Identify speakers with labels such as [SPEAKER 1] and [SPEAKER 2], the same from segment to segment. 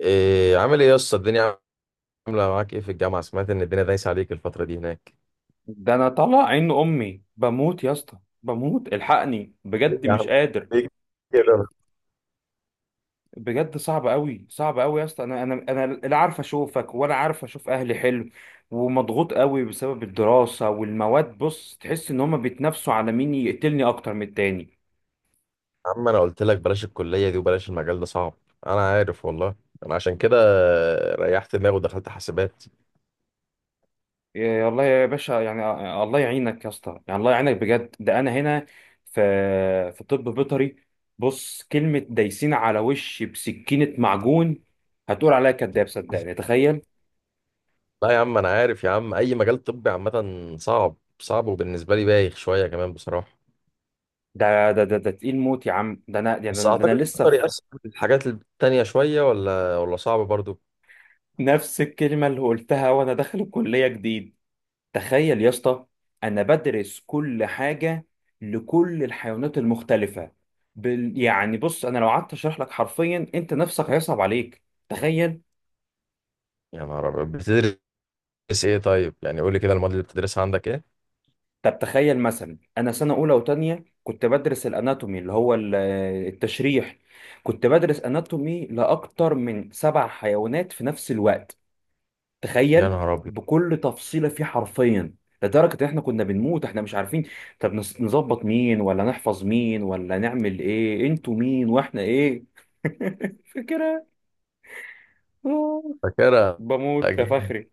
[SPEAKER 1] إيه عامل ايه يا اسطى؟ الدنيا عامله معاك ايه في الجامعه؟ سمعت ان الدنيا دايسه عليك الفتره دي هناك.
[SPEAKER 2] ده انا طالع عين امي، بموت يا اسطى بموت، الحقني
[SPEAKER 1] ايه
[SPEAKER 2] بجد
[SPEAKER 1] يا
[SPEAKER 2] مش
[SPEAKER 1] عم؟
[SPEAKER 2] قادر.
[SPEAKER 1] ليه كده؟
[SPEAKER 2] بجد صعب قوي صعب قوي يا اسطى، انا لا عارف اشوفك ولا عارف اشوف اهلي. حلو ومضغوط قوي بسبب الدراسة والمواد. بص، تحس ان هما بيتنافسوا على مين يقتلني اكتر من التاني.
[SPEAKER 1] يا عم انا قلت لك بلاش الكليه دي وبلاش المجال ده صعب. انا عارف والله. انا عشان كده ريحت دماغي ودخلت حاسبات.
[SPEAKER 2] يا الله يا باشا يعني. الله يعينك يا اسطى، يعني الله يعينك بجد. ده انا هنا في طب بيطري. بص، كلمة دايسين على وشي بسكينة معجون، هتقول عليا كداب. صدقني، تخيل.
[SPEAKER 1] لا يا عم انا عارف يا عم، اي مجال طبي عامه صعب صعب، وبالنسبه لي بايخ شويه كمان بصراحه.
[SPEAKER 2] ده تقيل موت يا عم. ده انا يعني ده
[SPEAKER 1] بس
[SPEAKER 2] انا, ده
[SPEAKER 1] اعتقد
[SPEAKER 2] أنا لسه
[SPEAKER 1] تقدر
[SPEAKER 2] في
[SPEAKER 1] يأثر في الحاجات التانية شويه ولا صعب برضو؟
[SPEAKER 2] نفس الكلمه اللي قلتها وانا داخل الكليه جديد. تخيل يا اسطى، انا بدرس كل حاجه لكل الحيوانات المختلفه. يعني بص، انا لو قعدت اشرح لك حرفيا، انت نفسك هيصعب عليك. تخيل.
[SPEAKER 1] يا نهار ابيض، بتدرس ايه؟ طيب يعني قول لي كده، المواد اللي بتدرسها عندك ايه؟
[SPEAKER 2] طب تخيل مثلا، انا سنه اولى وتانية كنت بدرس الاناتومي اللي هو التشريح. كنت بدرس اناتومي لاكتر من 7 حيوانات في نفس الوقت.
[SPEAKER 1] يا
[SPEAKER 2] تخيل،
[SPEAKER 1] نهار ابيض.
[SPEAKER 2] بكل تفصيله فيه حرفيا، لدرجه ان احنا كنا بنموت. احنا مش عارفين طب نظبط مين ولا نحفظ مين ولا نعمل ايه؟ انتوا مين واحنا ايه؟ فكره. آه.
[SPEAKER 1] فاكرها؟
[SPEAKER 2] بموت يا
[SPEAKER 1] أكيد.
[SPEAKER 2] فخري،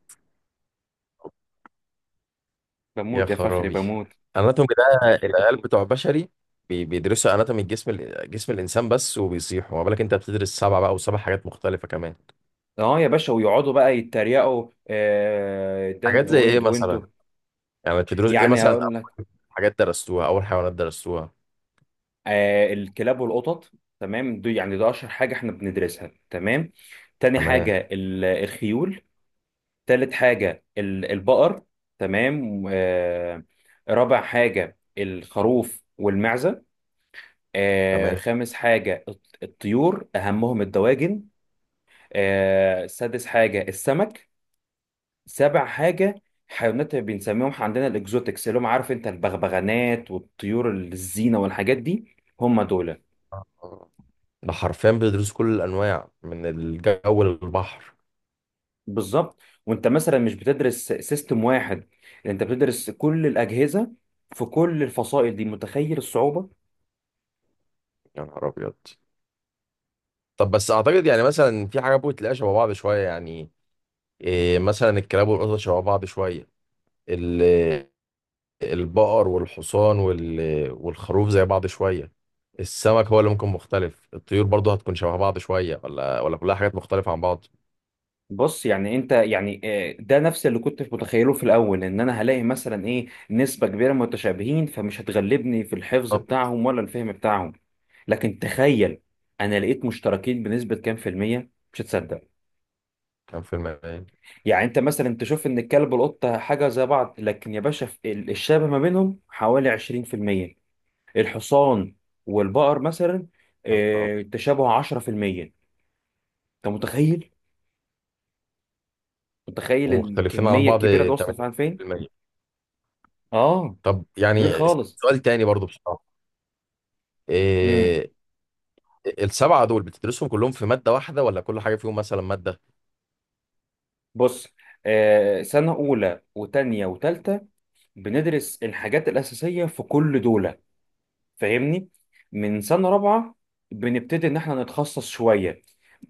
[SPEAKER 1] يا
[SPEAKER 2] بموت يا فخري،
[SPEAKER 1] خرابي،
[SPEAKER 2] بموت.
[SPEAKER 1] اناتومي ده العيال بتوع بشري بيدرسوا اناتومي جسم الانسان بس، وبيصيحوا، ما بالك انت بتدرس سبعه بقى، وسبع حاجات مختلفه كمان.
[SPEAKER 2] اه يا باشا، ويقعدوا بقى يتريقوا ده
[SPEAKER 1] حاجات زي
[SPEAKER 2] انتوا
[SPEAKER 1] ايه
[SPEAKER 2] وانتوا
[SPEAKER 1] مثلا؟
[SPEAKER 2] وانتوا.
[SPEAKER 1] يعني بتدرس ايه
[SPEAKER 2] يعني
[SPEAKER 1] مثلا
[SPEAKER 2] هقول
[SPEAKER 1] اول؟
[SPEAKER 2] لك،
[SPEAKER 1] حاجات درستوها اول، حيوانات درستوها؟
[SPEAKER 2] الكلاب والقطط. تمام، دي يعني ده اشهر حاجه احنا بندرسها. تمام. تاني
[SPEAKER 1] تمام.
[SPEAKER 2] حاجه الخيول. تالت حاجة البقر. تمام. رابع حاجة الخروف والمعزة.
[SPEAKER 1] تمام.
[SPEAKER 2] خامس حاجة الطيور، أهمهم الدواجن. سادس حاجة السمك. سابع حاجة حيوانات بنسميهم عندنا الإكزوتكس، اللي هم عارف أنت البغبغانات والطيور الزينة والحاجات دي. هم دول.
[SPEAKER 1] ده حرفيا بيدرسوا كل الانواع من الجو للبحر.
[SPEAKER 2] بالظبط. وأنت مثلا مش بتدرس سيستم واحد، أنت بتدرس كل الأجهزة في كل الفصائل دي. متخيل الصعوبة؟
[SPEAKER 1] يا نهار ابيض. طب بس اعتقد يعني مثلا في حاجه ممكن تلاقيها شبه بعض شويه، يعني إيه، مثلا الكلاب والقطط شبه بعض شويه، البقر والحصان وال... والخروف زي بعض شوية، السمك هو اللي ممكن مختلف، الطيور برضه هتكون شبه بعض شوية ولا كلها حاجات مختلفة عن بعض؟
[SPEAKER 2] بص يعني انت يعني، ده نفس اللي كنت متخيله في الاول، ان انا هلاقي مثلا ايه نسبة كبيرة متشابهين، فمش هتغلبني في الحفظ
[SPEAKER 1] طب
[SPEAKER 2] بتاعهم ولا الفهم بتاعهم. لكن تخيل، انا لقيت مشتركين بنسبة كام في المية، مش هتصدق.
[SPEAKER 1] كان فيلم ايه؟
[SPEAKER 2] يعني انت مثلا تشوف ان الكلب والقطة حاجة زي بعض، لكن يا باشا في الشبه ما بينهم حوالي 20%. الحصان والبقر مثلا،
[SPEAKER 1] يا رب.
[SPEAKER 2] تشابه 10%. انت متخيل
[SPEAKER 1] ومختلفين عن
[SPEAKER 2] الكمية
[SPEAKER 1] بعض
[SPEAKER 2] الكبيرة دي وصلت فعلا فين؟
[SPEAKER 1] 80%.
[SPEAKER 2] اه،
[SPEAKER 1] طب
[SPEAKER 2] كبير
[SPEAKER 1] يعني
[SPEAKER 2] خالص.
[SPEAKER 1] سؤال تاني برضه بصراحة.
[SPEAKER 2] امم.
[SPEAKER 1] إيه، السبعة دول بتدرسهم كلهم في مادة واحدة، ولا كل حاجة فيهم مثلا مادة؟
[SPEAKER 2] بص، سنة أولى وتانية وتالتة بندرس الحاجات الأساسية في كل دولة. فاهمني؟ من سنة رابعة بنبتدي إن إحنا نتخصص شوية.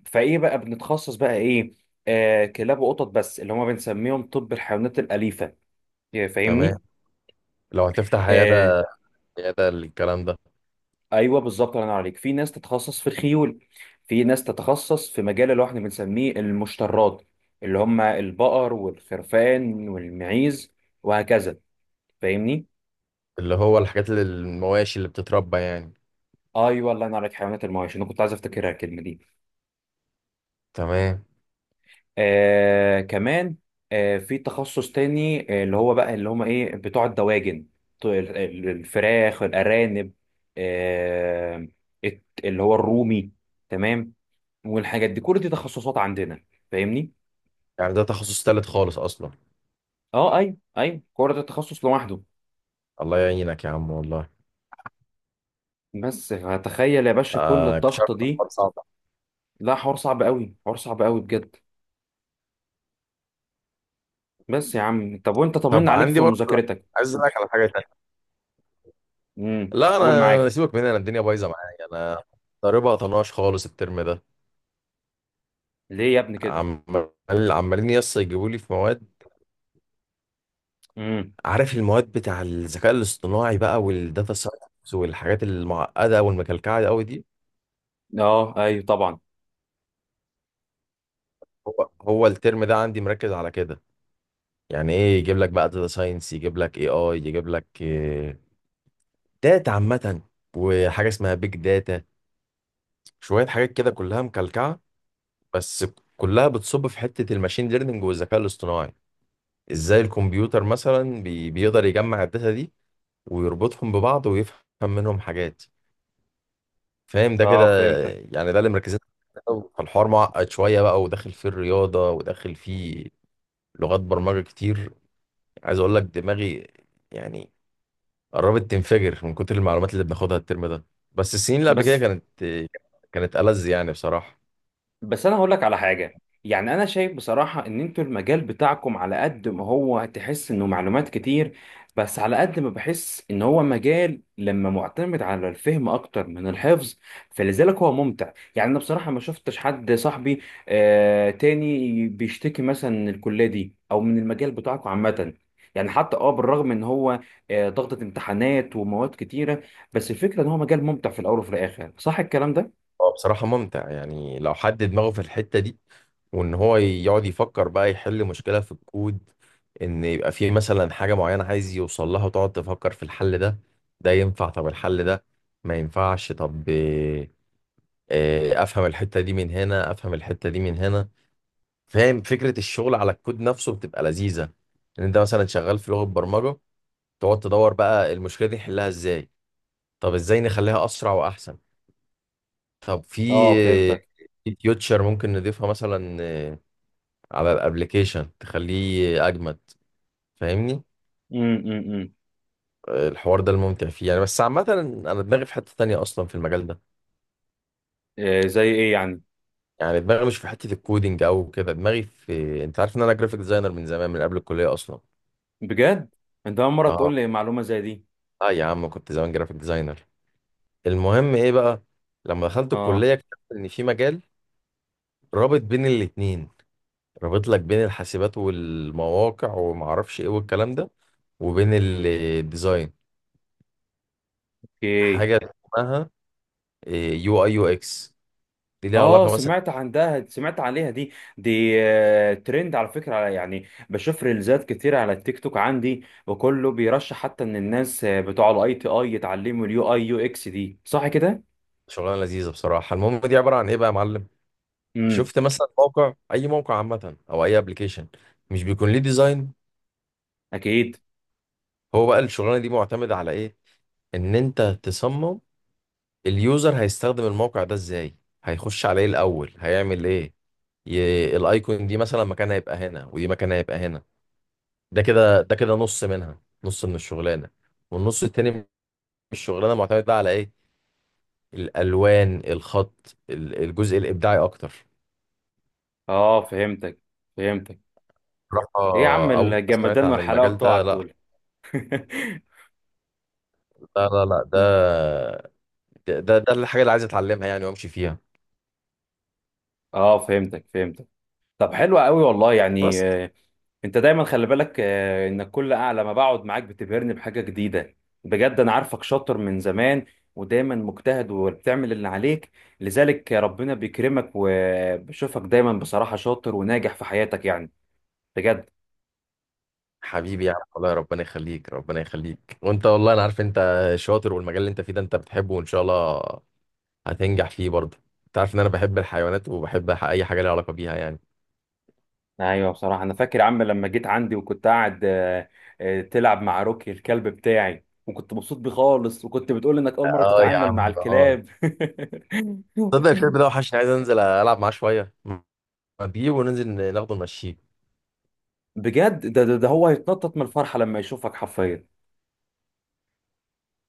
[SPEAKER 2] فإيه بقى بنتخصص بقى إيه؟ كلاب وقطط بس اللي هما بنسميهم طب الحيوانات الأليفة.
[SPEAKER 1] تمام.
[SPEAKER 2] فاهمني؟
[SPEAKER 1] لو هتفتح
[SPEAKER 2] آه،
[SPEAKER 1] عيادة، عيادة الكلام ده؟
[SPEAKER 2] ايوه بالظبط، الله ينور عليك. في ناس تتخصص في الخيول، في ناس تتخصص في مجال اللي هو احنا بنسميه المشترات، اللي هم البقر والخرفان والمعيز، وهكذا. فاهمني؟
[SPEAKER 1] اللي هو الحاجات اللي المواشي اللي بتتربى يعني.
[SPEAKER 2] ايوه، الله ينور عليك. حيوانات المواشي، انا كنت عايز افتكرها الكلمه دي.
[SPEAKER 1] تمام.
[SPEAKER 2] كمان، في تخصص تاني، اللي هو بقى اللي هم ايه، بتوع الدواجن، بتوع الفراخ، الارانب، آه اللي هو الرومي. تمام. والحاجات دي، كل دي تخصصات عندنا. فاهمني؟
[SPEAKER 1] يعني ده تخصص تالت خالص أصلا؟
[SPEAKER 2] اه، ايوه ايوه كوره، ده تخصص لوحده.
[SPEAKER 1] الله يعينك يا عم والله.
[SPEAKER 2] بس تخيل يا باشا كل
[SPEAKER 1] آه، كنت عارف
[SPEAKER 2] الضغطه
[SPEAKER 1] إن
[SPEAKER 2] دي.
[SPEAKER 1] الحوار صعب.
[SPEAKER 2] لا، حوار صعب قوي، حوار صعب قوي بجد. بس يا عم، طب وانت طمنا
[SPEAKER 1] طب
[SPEAKER 2] عليك
[SPEAKER 1] عندي
[SPEAKER 2] في
[SPEAKER 1] برضه،
[SPEAKER 2] مذاكرتك.
[SPEAKER 1] عايز اسالك على حاجه تانية.
[SPEAKER 2] امم،
[SPEAKER 1] لا
[SPEAKER 2] قول،
[SPEAKER 1] انا
[SPEAKER 2] معاك.
[SPEAKER 1] سيبك من انا، الدنيا بايظه معايا انا، ضاربها طناش خالص الترم ده.
[SPEAKER 2] ليه يا ابني كده؟
[SPEAKER 1] عمال عمالين يس يجيبوا لي في مواد.
[SPEAKER 2] امم.
[SPEAKER 1] عارف المواد بتاع الذكاء الاصطناعي بقى، والداتا ساينس، والحاجات المعقده والمكلكعه قوي دي؟
[SPEAKER 2] اه، ايوه طبعا.
[SPEAKER 1] هو الترم ده عندي مركز على كده. يعني ايه، يجيب لك بقى داتا ساينس، يجيب لك اي اي، يجيب لك داتا عامه، وحاجه اسمها بيج داتا، شوية حاجات كده كلها مكلكعة، بس كلها بتصب في حتة الماشين ليرنينج والذكاء الاصطناعي. ازاي الكمبيوتر مثلا بيقدر يجمع الداتا دي، ويربطهم ببعض، ويفهم منهم حاجات. فاهم ده كده؟
[SPEAKER 2] اه، فهمتك.
[SPEAKER 1] يعني ده اللي مركزين عليه. فالحوار معقد شوية بقى، وداخل فيه الرياضة، وداخل فيه لغات برمجة كتير. عايز اقول لك دماغي يعني قربت تنفجر من كتر المعلومات اللي بناخدها الترم ده. بس السنين اللي قبل كده
[SPEAKER 2] بس
[SPEAKER 1] كانت كانت ألذ يعني بصراحة.
[SPEAKER 2] بس انا هقول لك على حاجه، يعني انا شايف بصراحه ان انتوا المجال بتاعكم على قد ما هو تحس انه معلومات كتير، بس على قد ما بحس ان هو مجال لما معتمد على الفهم اكتر من الحفظ. فلذلك هو ممتع يعني. انا بصراحه ما شفتش حد صاحبي تاني بيشتكي مثلا من الكليه دي او من المجال بتاعكم عامه. يعني حتى بالرغم ان هو ضغطة امتحانات ومواد كتيره، بس الفكره ان هو مجال ممتع في الاول وفي الاخر. صح الكلام ده؟
[SPEAKER 1] هو بصراحة ممتع، يعني لو حد دماغه في الحتة دي، وإن هو يقعد يفكر بقى، يحل مشكلة في الكود، إن يبقى فيه مثلا حاجة معينة عايز يوصل لها، وتقعد تفكر في الحل ده، ده ينفع؟ طب الحل ده ما ينفعش؟ طب إيه، إيه، أفهم الحتة دي من هنا، أفهم الحتة دي من هنا. فاهم فكرة الشغل على الكود نفسه بتبقى لذيذة، إن أنت مثلا شغال في لغة برمجة، تقعد تدور بقى المشكلة دي نحلها إزاي، طب إزاي نخليها أسرع وأحسن، طب
[SPEAKER 2] اه،
[SPEAKER 1] في
[SPEAKER 2] فهمتك.
[SPEAKER 1] في فيوتشر ممكن نضيفها مثلا، على الابليكيشن تخليه اجمد. فاهمني؟
[SPEAKER 2] امم.
[SPEAKER 1] الحوار ده الممتع فيه يعني، بس عامة انا دماغي في حتة تانية اصلا في المجال ده.
[SPEAKER 2] زي ايه يعني؟
[SPEAKER 1] يعني دماغي مش في حتة الكودينج او كده، دماغي في، انت عارف ان انا جرافيك ديزاينر من زمان من قبل الكلية اصلا.
[SPEAKER 2] بجد، انت اول مره تقول
[SPEAKER 1] اه.
[SPEAKER 2] لي معلومه زي دي.
[SPEAKER 1] اه يا عم، كنت زمان جرافيك ديزاينر. المهم ايه بقى، لما دخلت
[SPEAKER 2] اه.
[SPEAKER 1] الكلية اكتشفت ان في مجال رابط بين الاتنين، رابط لك بين الحاسبات والمواقع وما اعرفش ايه والكلام ده، وبين الديزاين.
[SPEAKER 2] اوكي.
[SPEAKER 1] حاجه اسمها يو اي يو اكس، دي ليها
[SPEAKER 2] اه،
[SPEAKER 1] علاقه مثلا.
[SPEAKER 2] سمعت عندها، سمعت عليها دي. دي ترند على فكره، يعني بشوف ريلزات كتير على التيك توك عندي، وكله بيرشح حتى ان الناس، بتوع الاي تي اي يتعلموا اليو اي يو اكس دي. صح كده؟
[SPEAKER 1] شغلانه لذيذه بصراحه. المهم دي عباره عن ايه بقى يا معلم؟
[SPEAKER 2] امم.
[SPEAKER 1] شفت مثلا موقع، اي موقع عامه، او اي ابلكيشن، مش بيكون ليه ديزاين؟
[SPEAKER 2] اكيد.
[SPEAKER 1] هو بقى الشغلانه دي معتمده على ايه؟ ان انت تصمم اليوزر هيستخدم الموقع ده ازاي، هيخش على ايه الاول، هيعمل ايه، الايكون دي مثلا مكانها هيبقى هنا، ودي مكانها هيبقى هنا. ده كده ده كده نص منها، نص من الشغلانه. والنص التاني من الشغلانه معتمد بقى على ايه؟ الالوان، الخط، الجزء الابداعي اكتر.
[SPEAKER 2] اه، فهمتك فهمتك. ايه يا عم
[SPEAKER 1] بصراحه اول ما سمعت
[SPEAKER 2] الجمدان
[SPEAKER 1] عن
[SPEAKER 2] والحلاوه
[SPEAKER 1] المجال
[SPEAKER 2] بتوعك
[SPEAKER 1] ده، لا
[SPEAKER 2] دول!
[SPEAKER 1] لا لا لا، ده ده الحاجه اللي عايز اتعلمها يعني وامشي فيها.
[SPEAKER 2] اه، فهمتك فهمتك. طب حلو قوي والله يعني.
[SPEAKER 1] بس
[SPEAKER 2] انت دايما خلي بالك انك كل اعلى ما بقعد معاك بتبهرني بحاجه جديده. بجد انا عارفك شاطر من زمان، ودايما مجتهد وبتعمل اللي عليك، لذلك ربنا بيكرمك، وبشوفك دايما بصراحه شاطر وناجح في حياتك يعني. بجد.
[SPEAKER 1] حبيبي يا عم والله، ربنا يخليك ربنا يخليك، وانت والله انا عارف انت شاطر، والمجال اللي انت فيه ده انت بتحبه، وان شاء الله هتنجح فيه برضه. انت عارف ان انا بحب الحيوانات، وبحب اي حاجه ليها علاقه بيها يعني.
[SPEAKER 2] ايوه بصراحه، انا فاكر يا عم لما جيت عندي وكنت قاعد تلعب مع روكي الكلب بتاعي، وكنت مبسوط بيه خالص، وكنت بتقول انك اول مره
[SPEAKER 1] اه يا
[SPEAKER 2] تتعامل مع
[SPEAKER 1] عم اه.
[SPEAKER 2] الكلاب.
[SPEAKER 1] تصدق الشاب ده وحشني، عايز انزل العب معاه شويه، اجيبه وننزل، ناخده نمشيه.
[SPEAKER 2] بجد، ده هو هيتنطط من الفرحه لما يشوفك حرفيا.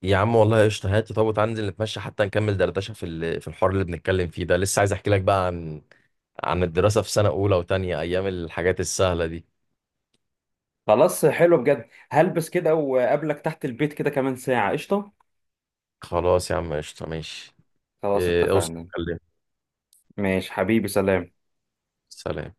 [SPEAKER 1] يا عم والله قشطه، هات طب، تعالى ننزل نتمشى حتى، نكمل دردشه في في الحوار اللي بنتكلم فيه ده، لسه عايز احكي لك بقى عن عن الدراسه في سنه اولى وتانية، ايام الحاجات السهله دي.
[SPEAKER 2] خلاص، حلو بجد. هلبس كده وقابلك تحت البيت كده كمان ساعة. قشطة.
[SPEAKER 1] خلاص يا عم قشطه ماشي.
[SPEAKER 2] خلاص
[SPEAKER 1] اوصل
[SPEAKER 2] اتفقنا.
[SPEAKER 1] كلمني.
[SPEAKER 2] ماشي حبيبي، سلام.
[SPEAKER 1] سلام.